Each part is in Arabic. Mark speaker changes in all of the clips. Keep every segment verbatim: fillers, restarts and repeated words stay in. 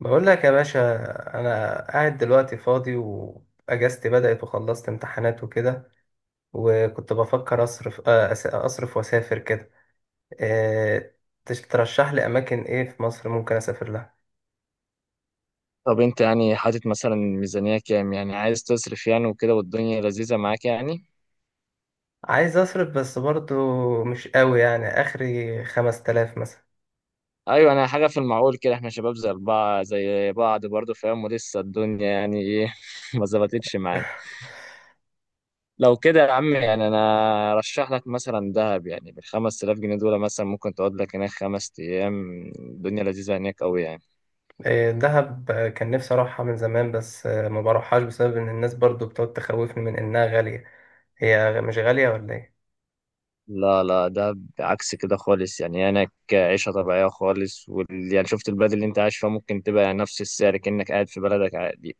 Speaker 1: بقول لك يا باشا، انا قاعد دلوقتي فاضي واجازتي بدأت وخلصت امتحانات وكده. وكنت بفكر اصرف آه، أس- اصرف واسافر كده. آه، تش- ترشح لي اماكن ايه في مصر ممكن اسافر لها.
Speaker 2: طب انت يعني حاطط مثلا ميزانية كام؟ يعني عايز تصرف يعني وكده والدنيا لذيذة معاك يعني.
Speaker 1: عايز اصرف، بس برضو مش قوي، يعني اخري خمس تلاف مثلا.
Speaker 2: ايوه انا حاجة في المعقول كده، احنا شباب زي بعض زي بعض برضه فاهم، ولسه الدنيا يعني ايه ما ظبطتش معانا. لو كده يا عم يعني انا ارشح لك مثلا دهب، يعني بالخمس تلاف جنيه دول مثلا ممكن تقعد لك هناك خمس ايام، الدنيا لذيذة هناك قوي يعني.
Speaker 1: آه، دهب آه، كان نفسي اروحها من زمان، بس آه، ما بروحهاش بسبب ان الناس برضو بتقعد تخوفني من انها غالية. هي غ- مش غالية ولا
Speaker 2: لا لا، ده عكس كده خالص يعني، هناك عيشة طبيعية خالص وال... يعني شفت البلد اللي انت عايش فيها، ممكن تبقى يعني نفس السعر كأنك قاعد في بلدك عادي.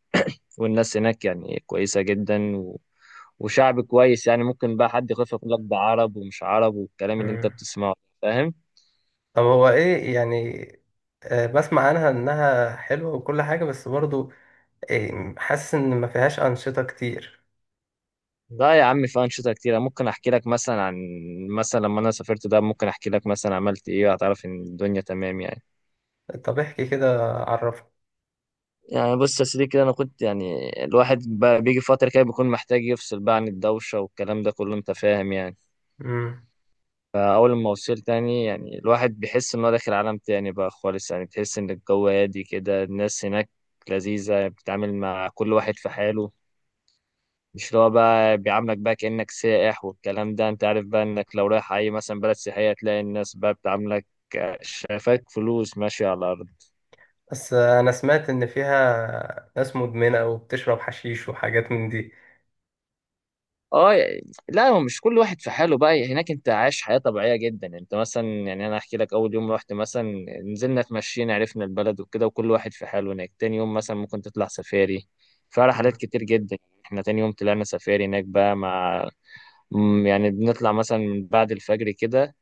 Speaker 2: والناس هناك يعني كويسة جدا و... وشعب كويس يعني. ممكن بقى حد يخاف يقول لك ده عرب ومش عرب والكلام اللي انت
Speaker 1: ايه؟
Speaker 2: بتسمعه فاهم.
Speaker 1: طب هو ايه يعني؟ آه، بسمع عنها انها حلوة وكل حاجة، بس برضو آه، حاسس ان ما فيهاش انشطة كتير.
Speaker 2: لا يا عم، في أنشطة كتيرة. ممكن أحكي لك مثلا عن مثلا لما أنا سافرت، ده ممكن أحكي لك مثلا عملت إيه، هتعرف إن الدنيا تمام يعني.
Speaker 1: طب احكي كده، عرفني.
Speaker 2: يعني بص يا سيدي كده، أنا كنت يعني الواحد بقى بيجي فترة كده بيكون محتاج يفصل بقى عن الدوشة والكلام ده كله، أنت فاهم يعني.
Speaker 1: امم
Speaker 2: فأول ما وصلت تاني، يعني الواحد بيحس إن هو داخل عالم تاني بقى خالص، يعني بتحس إن الجو هادي كده، الناس هناك لذيذة، بتتعامل مع كل واحد في حاله. مش اللي هو بقى بيعاملك بقى كأنك سائح، والكلام ده أنت عارف بقى، إنك لو رايح أي مثلا بلد سياحية تلاقي الناس بقى بتعاملك آه، شايفاك فلوس ماشية على الأرض.
Speaker 1: بس آه، انا سمعت ان فيها ناس مدمنة وبتشرب حشيش وحاجات من دي.
Speaker 2: اه يعني، لا هو مش كل واحد في حاله بقى، يعني هناك انت عايش حياة طبيعية جدا. انت مثلا يعني انا احكي لك، اول يوم رحت مثلا نزلنا اتمشينا عرفنا البلد وكده وكل واحد في حاله هناك. تاني يوم مثلا ممكن تطلع سفاري، فعلا حاجات
Speaker 1: مم.
Speaker 2: كتير جدا. احنا تاني يوم طلعنا سفاري هناك بقى مع مم، يعني بنطلع مثلا من بعد الفجر كده،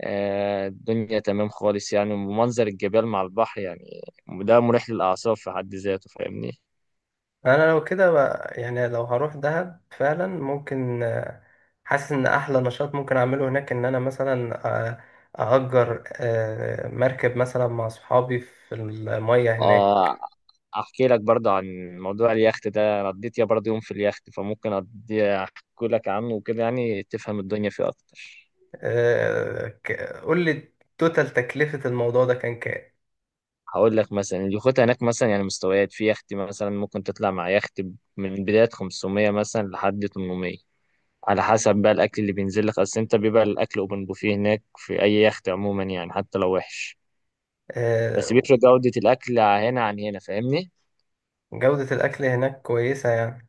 Speaker 2: آه، الدنيا تمام خالص يعني، ومنظر الجبال مع البحر يعني، ده مريح للأعصاب في حد ذاته، فاهمني.
Speaker 1: انا لو كده بقى- يعني لو هروح دهب فعلا ممكن. آه، حاسس ان احلى نشاط ممكن اعمله هناك ان انا مثلا آه، اجر آه، مركب مثلا مع صحابي في المية هناك.
Speaker 2: اه احكي لك برضه عن موضوع اليخت ده، انا قضيت يا برضه يوم في اليخت فممكن أقضي احكي لك عنه وكده، يعني تفهم الدنيا فيه اكتر.
Speaker 1: آه، ك- قول لي، توتال تكلفة الموضوع ده كان كام؟
Speaker 2: هقول لك مثلا، اليخوت هناك مثلا يعني مستويات. في يخت مثلا ممكن تطلع مع يخت من بداية خمسمية مثلا لحد تمنمية، على حسب بقى الاكل اللي بينزل لك. اصل انت بيبقى الاكل اوبن بوفيه هناك في اي يخت عموما يعني، حتى لو وحش بس
Speaker 1: آه،
Speaker 2: بيفرق جودة الاكل هنا عن هنا، فاهمني.
Speaker 1: جودة الأكل هناك كويسة يعني.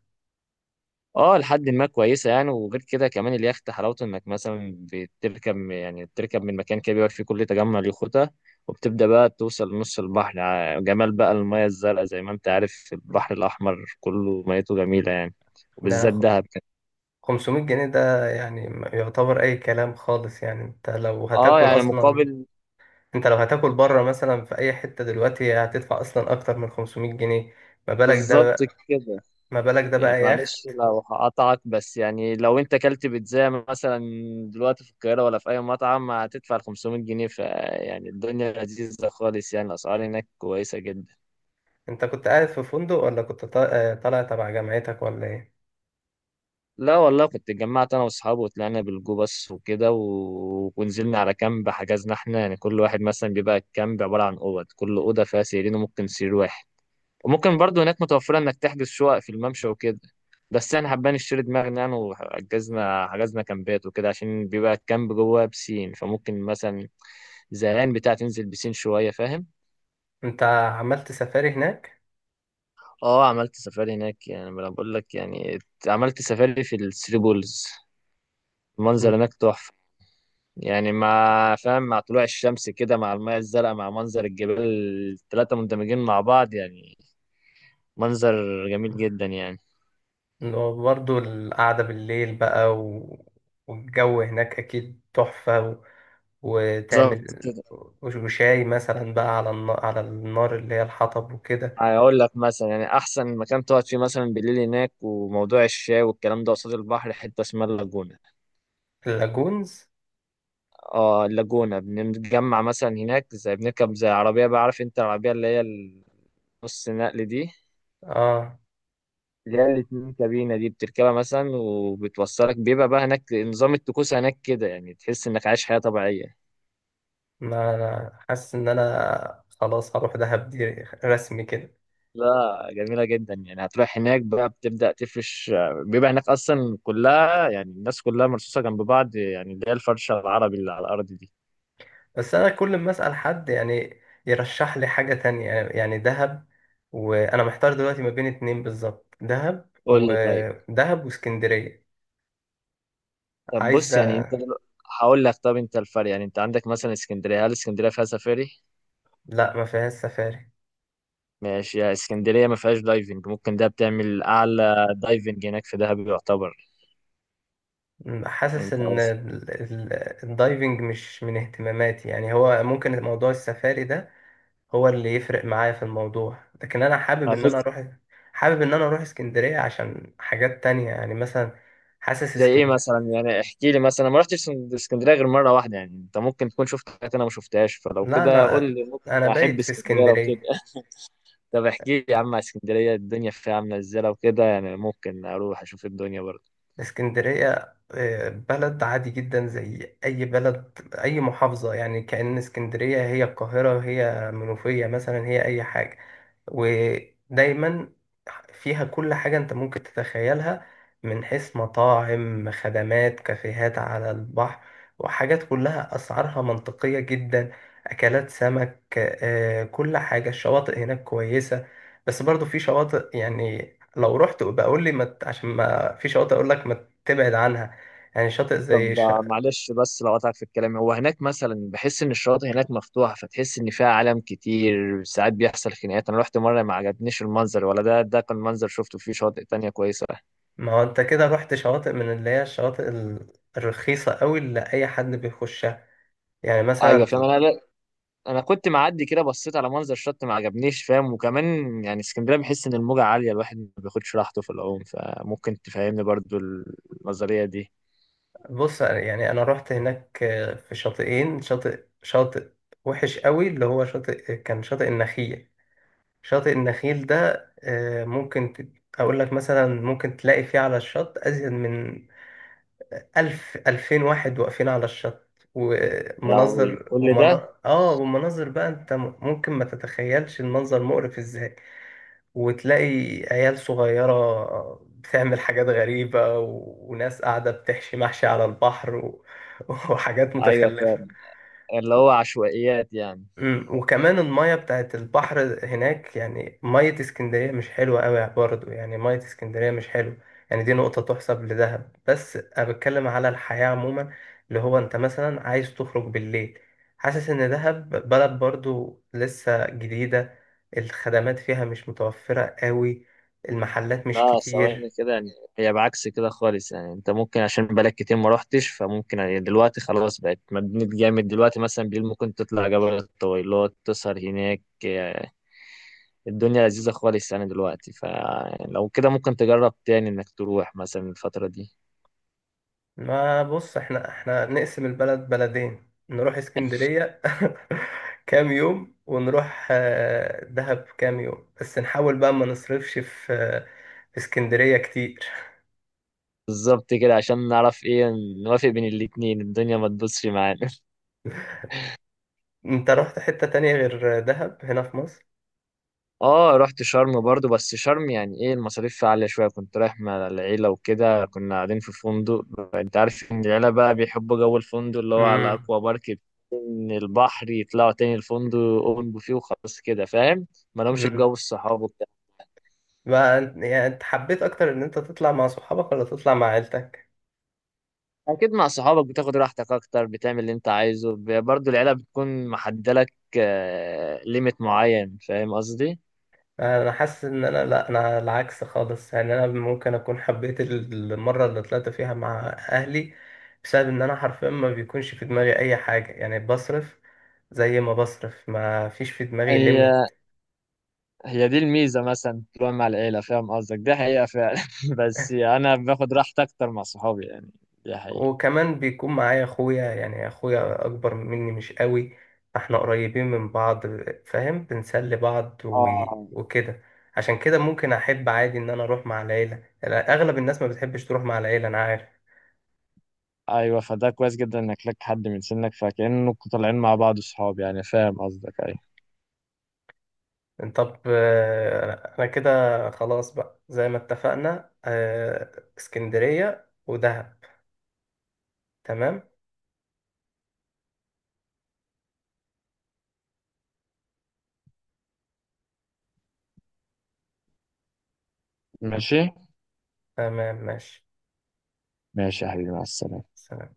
Speaker 2: اه لحد ما كويسه يعني. وغير كده كمان اليخت حلاوته انك مثلا بتركب، يعني بتركب من مكان كده بيبقى فيه كل تجمع اليخوتة، وبتبدأ بقى توصل نص البحر. ع- جمال بقى المياه الزرقاء، زي ما انت عارف البحر الأحمر كله ميته جميلة يعني،
Speaker 1: ده
Speaker 2: وبالذات
Speaker 1: خ-
Speaker 2: دهب كده.
Speaker 1: خمسمية جنيه ده يعني ما يعتبر أي كلام خالص، يعني أنت لو
Speaker 2: اه
Speaker 1: هتاكل
Speaker 2: يعني
Speaker 1: أصلا،
Speaker 2: مقابل.
Speaker 1: أنت لو هتاكل بره مثلا في أي حتة دلوقتي هتدفع أصلا أكتر من خمسمئة جنيه. ما بالك ده
Speaker 2: بالظبط
Speaker 1: بقى،
Speaker 2: كده.
Speaker 1: ما بالك ده
Speaker 2: يعني
Speaker 1: بقى يخت.
Speaker 2: معلش لو هقطعك بس، يعني لو انت كلت بيتزا مثلا دلوقتي في القاهرة ولا في أي مطعم هتدفع خمسمية جنيه، فيعني الدنيا لذيذة خالص يعني، الأسعار هناك كويسة جدا.
Speaker 1: أنت كنت قاعد في فندق ولا كنت طا- آه، طالع تبع جامعتك ولا إيه؟
Speaker 2: لا والله، كنت اتجمعت انا واصحابي وطلعنا بالجو بس وكده و... ونزلنا على كامب. حجزنا احنا يعني كل واحد مثلا بيبقى الكامب عباره عن اوض، كل اوضه فيها سريرين وممكن سرير واحد. وممكن برضه هناك متوفره انك تحجز شقق في الممشى وكده، بس انا حبان اشتري دماغنا يعني وحجزنا حجزنا كامبات وكده، عشان بيبقى الكامب جوه بسين، فممكن مثلا زهقان بتاع تنزل بسين شويه، فاهم.
Speaker 1: أنت عملت سفاري هناك.
Speaker 2: اه عملت سفاري هناك يعني، ما انا بقول لك يعني عملت سفاري في الثري بولز. المنظر هناك تحفه يعني، مع فاهم مع طلوع الشمس كده مع المياه الزرقاء مع منظر الجبال، التلاتة مندمجين مع بعض يعني، منظر جميل
Speaker 1: مم.
Speaker 2: جدا يعني.
Speaker 1: برضه القعدة بالليل بقى و... والجو هناك أكيد تحفة و...
Speaker 2: بالظبط
Speaker 1: وتعمل
Speaker 2: كده.
Speaker 1: وش- وشاي مثلا بقى على النار، على النار اللي هي الحطب وكده.
Speaker 2: هقول لك مثلا، يعني أحسن مكان تقعد فيه مثلا بالليل هناك، وموضوع الشاي والكلام ده، قصاد البحر حتة اسمها اللاجونة.
Speaker 1: اللاجونز.
Speaker 2: اه اللاجونة. بنتجمع مثلا هناك، زي بنركب زي عربية بقى، عارف انت العربية اللي هي النص نقل دي،
Speaker 1: اه،
Speaker 2: اللي هي الاتنين كابينة دي. بتركبها مثلا وبتوصلك، بيبقى بقى هناك نظام الطقوس هناك كده، يعني تحس انك عايش حياة طبيعية.
Speaker 1: ما أنا حاسس إن أنا خلاص هروح دهب دي، رسمي كده.
Speaker 2: لا جميلة جدا يعني. هتروح هناك بقى بتبدأ تفرش. بيبقى هناك أصلا كلها يعني الناس كلها مرصوصة جنب بعض يعني، اللي هي الفرشة العربي اللي على الأرض دي.
Speaker 1: بس أنا كل ما أسأل حد يعني يرشح لي حاجة تانية، يعني دهب. وأنا محتار دلوقتي ما بين اتنين بالظبط: دهب
Speaker 2: قول لي طيب.
Speaker 1: ودهب واسكندرية.
Speaker 2: طب
Speaker 1: عايزة.
Speaker 2: بص يعني أنت دلو- هقول لك. طب أنت الفرق يعني، أنت عندك مثلا اسكندرية، هل اسكندرية فيها سفاري؟
Speaker 1: لا، ما فيهاش سفاري.
Speaker 2: ماشي، يا اسكندرية ما فيهاش دايفنج، ممكن ده بتعمل أعلى دايفنج هناك في دهب يعتبر.
Speaker 1: م- حاسس
Speaker 2: أنت
Speaker 1: ان ال- ال- الدايفنج مش من اهتماماتي، يعني هو ممكن موضوع السفاري ده هو اللي يفرق معايا في الموضوع. لكن انا حابب ان
Speaker 2: بس.
Speaker 1: انا اروح، حابب ان انا اروح اسكندرية عشان حاجات تانية، يعني مثلا حاسس
Speaker 2: زي ايه
Speaker 1: اسكندرية.
Speaker 2: مثلا؟ يعني احكي لي مثلا، ما رحتش اسكندريه غير مره واحده يعني، انت ممكن تكون شفت حاجات انا ما شفتهاش، فلو
Speaker 1: لا،
Speaker 2: كده
Speaker 1: انا
Speaker 2: قول لي،
Speaker 1: انا
Speaker 2: ممكن احب
Speaker 1: بايت في
Speaker 2: اسكندريه لو كده.
Speaker 1: اسكندرية.
Speaker 2: طب احكي لي يا عم على اسكندريه، الدنيا فيها عامله ازاي؟ لو كده يعني ممكن اروح اشوف الدنيا برضه.
Speaker 1: اسكندرية آه، بلد عادي جدا زي اي بلد، اي محافظة. يعني كأن اسكندرية هي القاهرة، هي منوفية مثلا، هي اي حاجة. ودايما فيها كل حاجة انت ممكن تتخيلها، من حيث مطاعم، خدمات، كافيهات على البحر، وحاجات كلها أسعارها منطقية جدا. أكلات سمك، آه، كل حاجة. الشواطئ هناك كويسة، بس برضو في شواطئ، يعني لو رحت بقول لي مت عشان ما في شواطئ، أقول لك ما تبعد عنها. يعني شاطئ زي
Speaker 2: طب
Speaker 1: ش...
Speaker 2: آه، معلش بس لو قطعت في الكلام، هو هناك مثلا بحس ان الشواطئ هناك مفتوحه، فتحس ان فيها عالم كتير ساعات بيحصل خناقات. انا رحت مره ما عجبنيش المنظر، ولا ده، ده كان منظر شفته، فيه شواطئ تانية كويسه.
Speaker 1: ما هو انت كده رحت شواطئ من اللي هي الشواطئ ال- الرخيصة قوي، اللي أي حد بيخشها، يعني
Speaker 2: ايوه
Speaker 1: مثلا.
Speaker 2: فاهم انا. انا كنت معدي كده بصيت على منظر الشط ما عجبنيش، فاهم. وكمان يعني اسكندريه بحس ان الموجه عاليه، الواحد ما بياخدش راحته في العوم، فممكن تفهمني برضو النظريه دي.
Speaker 1: بص يعني، انا رحت هناك آه، في شاطئين. شاطئ شاطئ وحش قوي اللي هو شاطئ، كان شاطئ النخيل. شاطئ النخيل ده آه، ممكن ت- اقول لك مثلا ممكن تلاقي فيه على الشط ازيد من ألف، ألفين واحد واقفين على الشط.
Speaker 2: يا لهوي
Speaker 1: ومناظر،
Speaker 2: كل ده!
Speaker 1: ومنا... اه، ومناظر بقى، انت م- ممكن ما تتخيلش المنظر مقرف ازاي. وتلاقي عيال صغيرة بتعمل حاجات غريبة و... وناس قاعدة بتحشي محشي على البحر و... وحاجات
Speaker 2: ايوه
Speaker 1: متخلفة.
Speaker 2: فاهم، اللي هو عشوائيات يعني.
Speaker 1: مم. وكمان المية بتاعت البحر هناك، يعني مية اسكندرية مش حلوة قوي برضه، يعني مية اسكندرية مش حلوة. يعني دي نقطة تحسب لدهب. بس أنا بتكلم على الحياة عموما، اللي هو أنت مثلا عايز تخرج بالليل، حاسس إن دهب بلد برضه لسه جديدة، الخدمات فيها مش متوفرة قوي، المحلات مش
Speaker 2: لا ثواني
Speaker 1: كتير.
Speaker 2: كده يعني، هي بعكس كده خالص يعني. انت ممكن عشان بقالك كتير ما روحتش، فممكن يعني دلوقتي خلاص بقت مدينة جامد. دلوقتي مثلا بالليل ممكن تطلع جبل الطويلات تسهر هناك، الدنيا لذيذة خالص يعني دلوقتي. فلو كده ممكن تجرب تاني انك تروح مثلا الفترة دي.
Speaker 1: ما بص، احنا احنا نقسم البلد بلدين، نروح اسكندرية كام يوم ونروح آه، دهب كام يوم، بس نحاول بقى ما نصرفش في آه، في اسكندرية كتير.
Speaker 2: بالظبط كده، عشان نعرف ايه، نوافق بين الاتنين الدنيا ما تبصش معانا.
Speaker 1: انت رحت حتة تانية غير دهب هنا في مصر؟
Speaker 2: اه رحت شرم برضو، بس شرم يعني ايه المصاريف فيها عالية شوية. كنت رايح مع العيلة وكده، كنا قاعدين في فندق. انت عارف ان العيلة بقى بيحبوا جو الفندق اللي هو على
Speaker 1: امم
Speaker 2: اكوا بارك، من البحر يطلعوا تاني الفندق، اوبن بوفيه وخلاص كده فاهم، ما لهمش
Speaker 1: امم
Speaker 2: بجو الصحاب وبتاع.
Speaker 1: بقى يعني، انت حبيت اكتر ان انت تطلع مع صحابك ولا تطلع مع عيلتك؟
Speaker 2: اكيد مع صحابك بتاخد راحتك اكتر، بتعمل اللي انت عايزه. ب- برضو العيله بتكون محدده لك ليميت معين، فاهم قصدي.
Speaker 1: آه، انا حاسس ان انا، لا، انا العكس خالص، يعني انا ممكن اكون حبيت المره اللي طلعت فيها مع اهلي، بسبب ان انا حرفيا ما بيكونش في دماغي اي حاجه، يعني بصرف زي ما بصرف، ما فيش في دماغي
Speaker 2: هي
Speaker 1: ليميت.
Speaker 2: هي دي الميزه، مثلا تروح مع العيله، فاهم قصدك، دي حقيقه فعلا. بس انا باخد راحتي اكتر مع صحابي يعني، دي حقيقه.
Speaker 1: وكمان بيكون معايا اخويا، يعني اخويا اكبر مني مش قوي، فاحنا قريبين من بعض، فاهم، بنسلي بعض و...
Speaker 2: اه
Speaker 1: وكده. عشان كده ممكن احب عادي ان انا اروح مع العيله، يعني اغلب الناس ما بتحبش تروح مع العيله، انا عارف.
Speaker 2: ايوه، فده كويس جدا انك لك حد من سنك، فكأنكم طالعين مع بعض صحاب يعني، فاهم قصدك. ايوه
Speaker 1: طب آه، انا كده خلاص بقى، زي ما اتفقنا آه، اسكندرية ودهب. تمام.
Speaker 2: ماشي.
Speaker 1: تمام، ماشي.
Speaker 2: ماشي يا حبيبي، مع السلامه.
Speaker 1: سلام.